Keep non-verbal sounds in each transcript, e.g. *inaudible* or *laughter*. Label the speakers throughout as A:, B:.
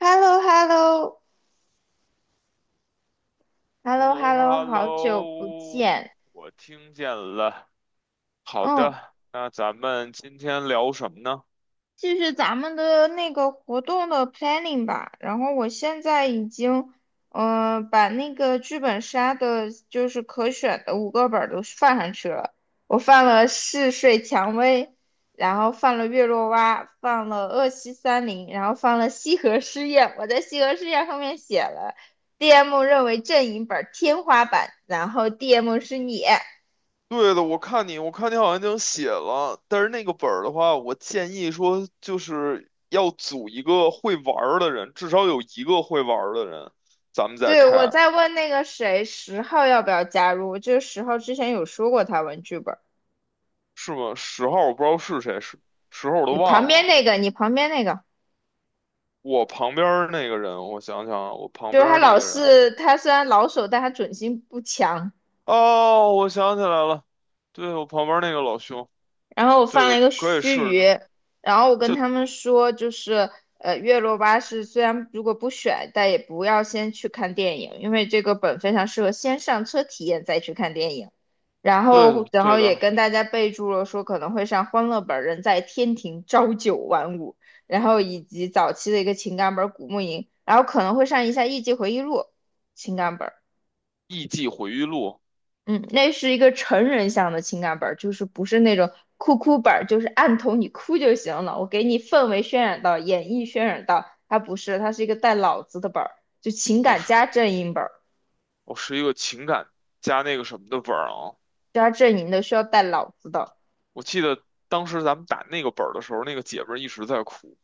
A: h e l l o h e l l o h e l l o h e l l o 好久不
B: Hello，Hello，
A: 见。
B: 我听见了。好
A: 嗯，
B: 的，那咱们今天聊什么呢？
A: 继续咱们的那个活动的 planning 吧。然后我现在已经，把那个剧本杀的，就是可选的五个本儿都放上去了。我放了嗜睡蔷薇，然后放了月落蛙，放了恶西三零，然后放了西河试验。我在西河试验上面写了 DM 认为阵营本儿天花板，然后 DM 是你。
B: 对的，我看你好像已经写了，但是那个本儿的话，我建议说就是要组一个会玩儿的人，至少有一个会玩儿的人，咱们再
A: 对，我
B: 开，
A: 在问那个谁，十号要不要加入？就是十号之前有说过他玩剧本儿。
B: 是吗？十号我不知道是谁，十号我都
A: 你旁
B: 忘
A: 边
B: 了。
A: 那个，你旁边那个，
B: 我旁边儿那个人，我想想啊，我旁
A: 就是
B: 边儿那个人，
A: 他虽然老手，但他准心不强。
B: 哦，我想起来了，对，我旁边儿那个老兄。
A: 然后我
B: 对
A: 放了
B: 的，
A: 一个
B: 可以
A: 须
B: 试试。
A: 臾，然后我跟
B: 就
A: 他们说，就是月落巴士虽然如果不选，但也不要先去看电影，因为这个本非常适合先上车体验再去看电影。然
B: 对
A: 后，
B: 的，
A: 然
B: 对
A: 后也
B: 的，
A: 跟大家备注了说可能会上《欢乐本》人在天庭朝九晚五，然后以及早期的一个情感本《古墓吟》，然后可能会上一下《艺伎回忆录》情感本。
B: 《艺伎回忆录》哦，
A: 嗯，那是一个成人向的情感本儿，就是不是那种哭哭本儿，就是按头你哭就行了。我给你氛围渲染到，演绎渲染到，它不是，它是一个带脑子的本儿，就情
B: 我
A: 感
B: 是
A: 加阵营本儿，
B: 我是一个情感加那个什么的本儿啊。
A: 加阵营的需要带脑子的
B: 我记得当时咱们打那个本儿的时候，那个姐们儿一直在哭。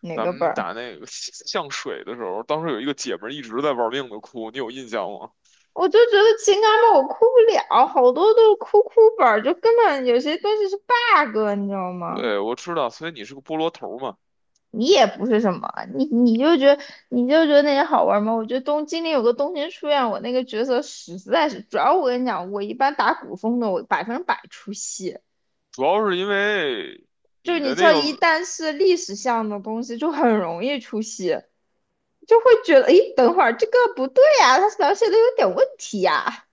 A: 哪
B: 咱
A: 个本
B: 们
A: 儿？
B: 打那个像水的时候，当时有一个姐们儿一直在玩命的哭，你有印象吗？
A: 我就觉得情感本儿我哭不了，好多都是哭哭本儿，就根本有些东西是 bug，你知道吗？
B: 对，我知道，所以你是个菠萝头儿嘛，
A: 你也不是什么，你你就觉得你就觉得那些好玩吗？我觉得东京里有个东京书院，我那个角色实在是，主要我跟你讲，我一般打古风的，我百分之百出戏，
B: 主要是因为
A: 就是
B: 你
A: 你
B: 的
A: 知
B: 那
A: 道，一
B: 个，
A: 旦是历史向的东西，就很容易出戏，就会觉得，诶，等会儿这个不对呀、他描写的有点问题呀、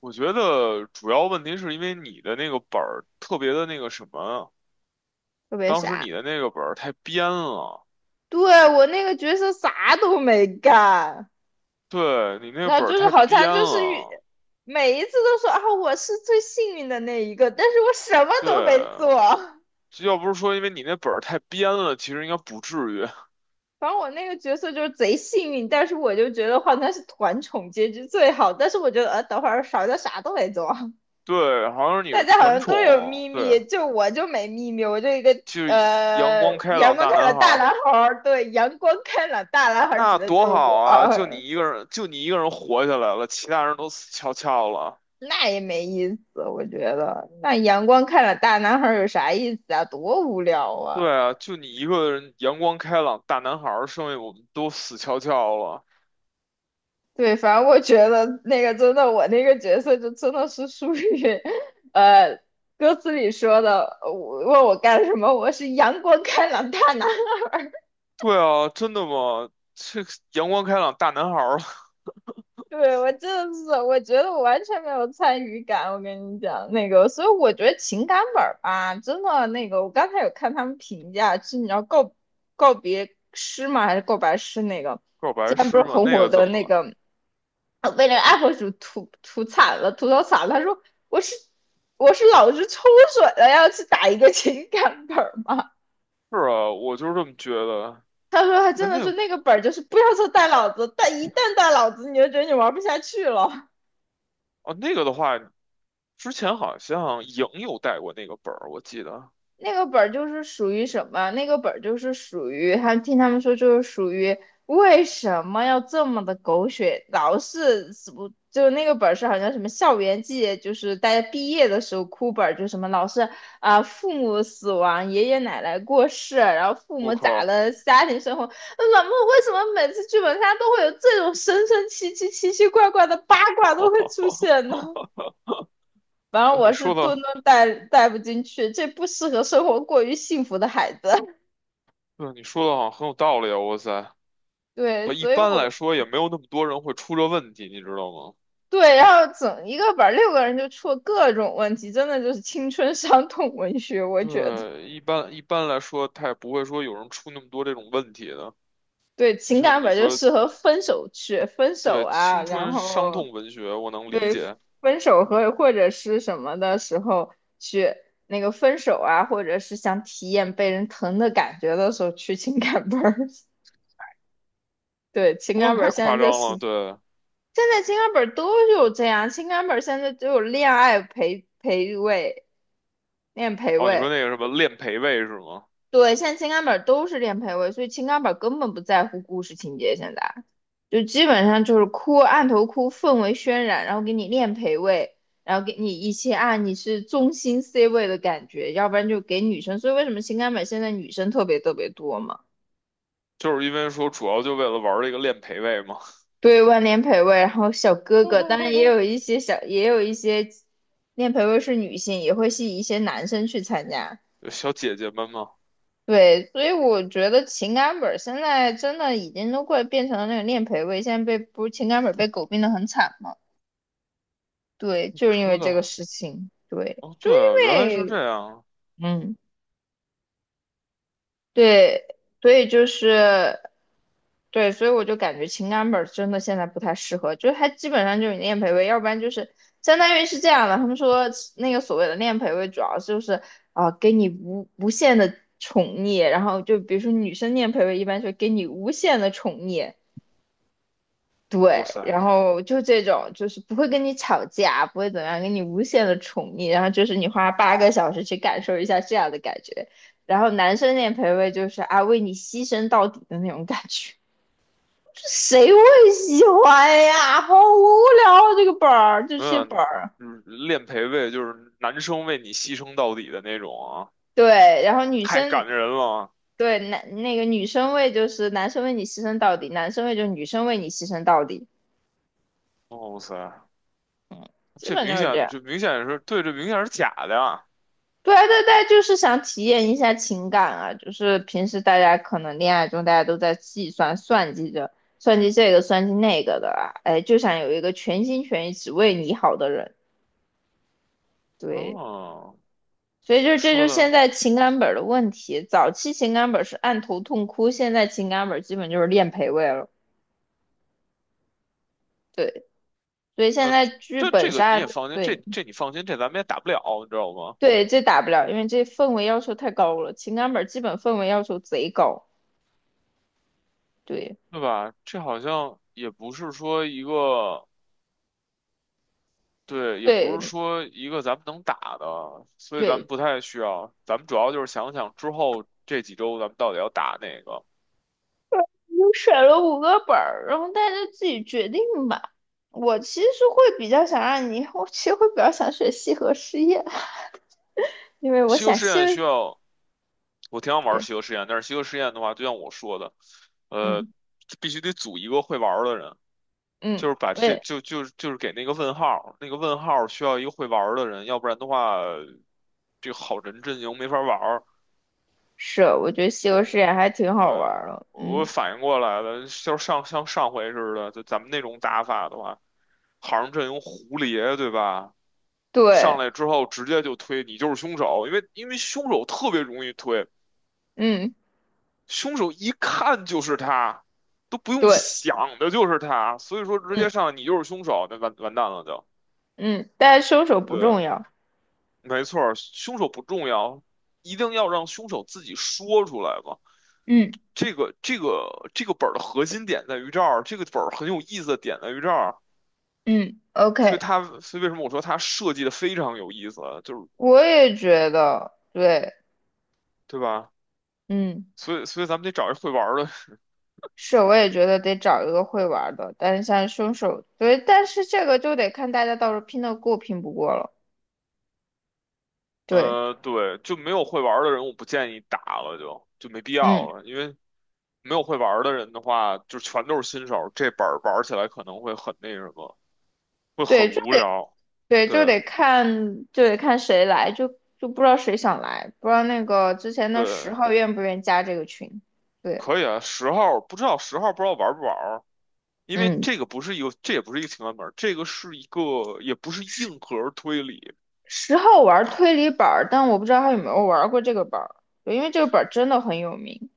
B: 我觉得主要问题是因为你的那个本儿特别的那个什么啊，
A: 特别
B: 当时
A: 傻。
B: 你的那个本儿太编了。
A: 对，我那个角色啥都没干，
B: 对你那
A: 那
B: 本儿
A: 就是
B: 太
A: 好
B: 编
A: 像就是
B: 了，
A: 每一次都说啊，我是最幸运的那一个，但是我什么
B: 对，
A: 都没做。
B: 要不是说因为你那本儿太编了，其实应该不至于。*laughs*
A: 反正我那个角色就是贼幸运，但是我就觉得好他是团宠结局最好。但是我觉得，等会儿少的啥都没做，
B: 对，好像你
A: 大
B: 是
A: 家好
B: 团
A: 像都有
B: 宠，
A: 秘
B: 对，
A: 密，就我就没秘密，我就一个
B: 就是阳光开
A: 阳
B: 朗
A: 光
B: 大
A: 开
B: 男
A: 朗
B: 孩
A: 大
B: 儿，
A: 男孩儿，对，阳光开朗大男孩儿指
B: 那
A: 的就
B: 多
A: 是
B: 好
A: 我，
B: 啊！就你一个人，就你一个人活下来了，其他人都死翘翘了。
A: 那也没意思，我觉得那阳光开朗大男孩儿有啥意思啊？多无聊啊！
B: 对啊，就你一个人阳光开朗大男孩儿，剩下我们都死翘翘了。
A: 对，反正我觉得那个真的，我那个角色就真的是属于，呃，歌词里说的，我问我干什么，我是阳光开朗大男。*laughs*
B: 对啊，真的吗？这个阳光开朗大男孩儿
A: 对，我真的是，我觉得我完全没有参与感。我跟你讲，那个，所以我觉得情感本儿吧，真的那个，我刚才有看他们评价，是你要告别诗吗？还是告白诗那个？
B: *laughs* 告白
A: 现在不
B: 诗
A: 是
B: 吗？
A: 很
B: 那
A: 火
B: 个怎
A: 的
B: 么
A: 那
B: 了？
A: 个我被那个 UP 主吐槽惨了。他说我是我是老是抽水了，要去打一个情感本儿吗？
B: 是啊，我就是这么觉得。
A: 他说他
B: 哎，
A: 真的
B: 那
A: 是
B: 个
A: 那个本儿就是不要说带老子，但一旦带老子，你就觉得你玩不下去了。
B: 哦，那个的话，之前好像莹有带过那个本儿，我记得。
A: 那个本儿就是属于什么？那个本儿就是属于，还听他们说就是属于为什么要这么的狗血？老是死不就那个本儿是好像什么校园季，就是大家毕业的时候哭本儿，就什么老是啊、父母死亡、爷爷奶奶过世，然后父
B: 我
A: 母咋
B: 靠，
A: 了，家庭生活，那怎么为什么每次剧本杀都会有这种神神奇奇、奇奇怪怪的八卦都会出现呢？
B: *laughs*
A: 反正
B: 你
A: 我是
B: 说的，
A: 顿顿带带不进去，这不适合生活过于幸福的孩子。*laughs*
B: 对，你说的好像很有道理啊！哇塞，
A: 对，
B: 不，一
A: 所以
B: 般
A: 我
B: 来说也没有那么多人会出这问题，你知道吗？
A: 对，然后整一个本儿六个人就出了各种问题，真的就是青春伤痛文学，我觉得。
B: 对，一般来说，他也不会说有人出那么多这种问题的。
A: 对，
B: 就
A: 情
B: 像
A: 感
B: 你
A: 本就
B: 说，
A: 适合分手去分手
B: 对，
A: 啊，
B: 青
A: 然
B: 春伤
A: 后
B: 痛文学，我能理解，
A: 分手和或者是什么的时候去那个分手啊，或者是想体验被人疼的感觉的时候去情感本儿。*laughs* 对，情
B: 说
A: 感
B: 的
A: 本儿
B: 太
A: 现在
B: 夸
A: 就
B: 张
A: 是
B: 了。对，
A: 现在情感本都有这样，情感本现在都有恋爱陪位、恋陪
B: 哦，你说
A: 位，
B: 那个什么练陪位是吗？
A: 对，现在情感本都是恋陪位，所以情感本根本不在乎故事情节，现在就基本上就是哭，按头哭，氛围渲染，然后给你恋陪位，然后给你一些啊你是中心 C 位的感觉，要不然就给女生，所以为什么情感本现在女生特别特别多嘛？
B: 就是因为说主要就为了玩这个练陪位吗？
A: 对，万年培位，然后小哥哥，当然
B: *laughs*
A: 也有一些练培位是女性，也会吸引一些男生去参加。
B: 有小姐姐们吗？
A: 对，所以我觉得情感本儿现在真的已经都快变成了那个练培位，现在被不是情感本儿被狗病的很惨嘛？对，就是因为
B: 说
A: 这个
B: 的
A: 事情，对，
B: 哦，
A: 就
B: 对啊，
A: 因
B: 原来是
A: 为
B: 这样。
A: 嗯，对，所以就是。对，所以我就感觉情感本儿真的现在不太适合，就是它基本上就是你练陪位，要不然就是相当于是这样的。他们说那个所谓的练陪位，主要就是啊、给你无限的宠溺，然后就比如说女生练陪位，一般就给你无限的宠溺，
B: 哇
A: 对，
B: 塞，
A: 然后就这种就是不会跟你吵架，不会怎么样，给你无限的宠溺，然后就是你花8个小时去感受一下这样的感觉，然后男生练陪位就是啊为你牺牲到底的那种感觉。谁会喜欢呀？好无聊啊，这个本儿，这
B: 没
A: 些
B: 有，
A: 本儿。
B: 嗯练陪位就是男生为你牺牲到底的那种啊，
A: 对，然后女
B: 太
A: 生
B: 感人了。
A: 对男那个女生为就是男生为你牺牲到底，男生为就是女生为你牺牲到底，
B: 哦哇塞，
A: 基
B: 这
A: 本
B: 明
A: 就是这
B: 显
A: 样。
B: 这明显是对，这明显是假的呀。
A: 对啊对对，就是想体验一下情感啊，就是平时大家可能恋爱中大家都在计算算计着算计这个算计那个的啊，哎，就想有一个全心全意只为你好的人。对，
B: 哦，
A: 所以就这就
B: 说
A: 是现
B: 的
A: 在情感本儿的问题。早期情感本儿是按头痛哭，现在情感本儿基本就是练陪位了。对，所以现
B: 那
A: 在剧
B: 这这
A: 本
B: 个你
A: 杀，
B: 也放心，这
A: 对
B: 这你放心，这咱们也打不了，你知道吗？
A: 对，这打不了，因为这氛围要求太高了。情感本儿基本氛围要求贼高。对
B: 对吧？这好像也不是说一个。对，也不是
A: 对
B: 说一个咱们能打的，所以咱们
A: 对，
B: 不太需要。咱们主要就是想想之后这几周咱们到底要打哪个。
A: 我选了五个本儿，然后大家自己决定吧。我其实会比较想让你，我其实会比较想选西河实业，因为我
B: 西游
A: 想
B: 试
A: 休。
B: 验需要，我挺想玩
A: 对，
B: 西游试验，但是西游试验的话，就像我说的，呃，
A: 嗯
B: 必须得组一个会玩儿的人，
A: 嗯，
B: 就是把这
A: 对。
B: 就是给那个问号，那个问号需要一个会玩儿的人，要不然的话，这个好人阵营没法玩儿。
A: 是，我觉得西游世界还挺
B: 对
A: 好玩
B: 啊，
A: 儿的。
B: 我
A: 嗯，
B: 反应过来了，就是像上回似的，就咱们那种打法的话，好像阵营胡蝶，对吧？上
A: 对，
B: 来之后直接就推你就是凶手，因为凶手特别容易推，
A: 嗯，
B: 凶手一看就是他，都不用
A: 对，
B: 想的就是他，所以说直接
A: 嗯
B: 上来你就是凶手，那完蛋了就。
A: 嗯，但是凶手不重
B: 对，
A: 要。
B: 没错儿，凶手不重要，一定要让凶手自己说出来嘛。
A: 嗯
B: 这个本儿的核心点在于这儿，这个本儿很有意思的点在于这儿，
A: 嗯
B: 所以
A: ，OK，
B: 它所以为什么我说它设计的非常有意思，就是
A: 我也觉得，对，
B: 对吧？
A: 嗯，
B: 所以咱们得找一会玩的，
A: 是，我也觉得得找一个会玩儿的。但是像凶手，对，但是这个就得看大家到时候拼得过拼不过了。对，
B: 对，就没有会玩的人，我不建议打了就没必要
A: 嗯，
B: 了，因为没有会玩的人的话，就全都是新手，这本儿玩起来可能会很那什么，会很
A: 对，就
B: 无聊。
A: 对，就
B: 对
A: 得看，就得看谁来，就不知道谁想来，不知道那个之前的十
B: 对，
A: 号愿不愿意加这个群。对，
B: 可以啊，十号不知道玩不玩因为
A: 嗯。
B: 这个不是一个，这也不是一个情感本儿，这个是一个，也不是硬核推理。
A: 十号玩
B: 好，
A: 推理本儿，但我不知道他有没
B: 嗯，
A: 有玩过这个本儿，对，因为这个本儿真的很有名。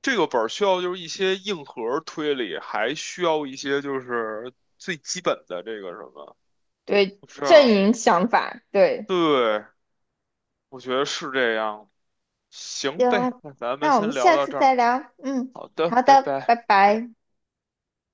B: 这个本儿需要就是一些硬核推理，还需要一些就是最基本的这个什么，
A: 对，
B: 是
A: 阵
B: 啊？
A: 营想法，对，
B: 对，我觉得是这样。行呗，
A: 行，
B: 那咱们
A: 那我们
B: 先聊
A: 下
B: 到
A: 次
B: 这儿。
A: 再聊。嗯，
B: 好的，
A: 好
B: 拜
A: 的，
B: 拜。
A: 拜拜。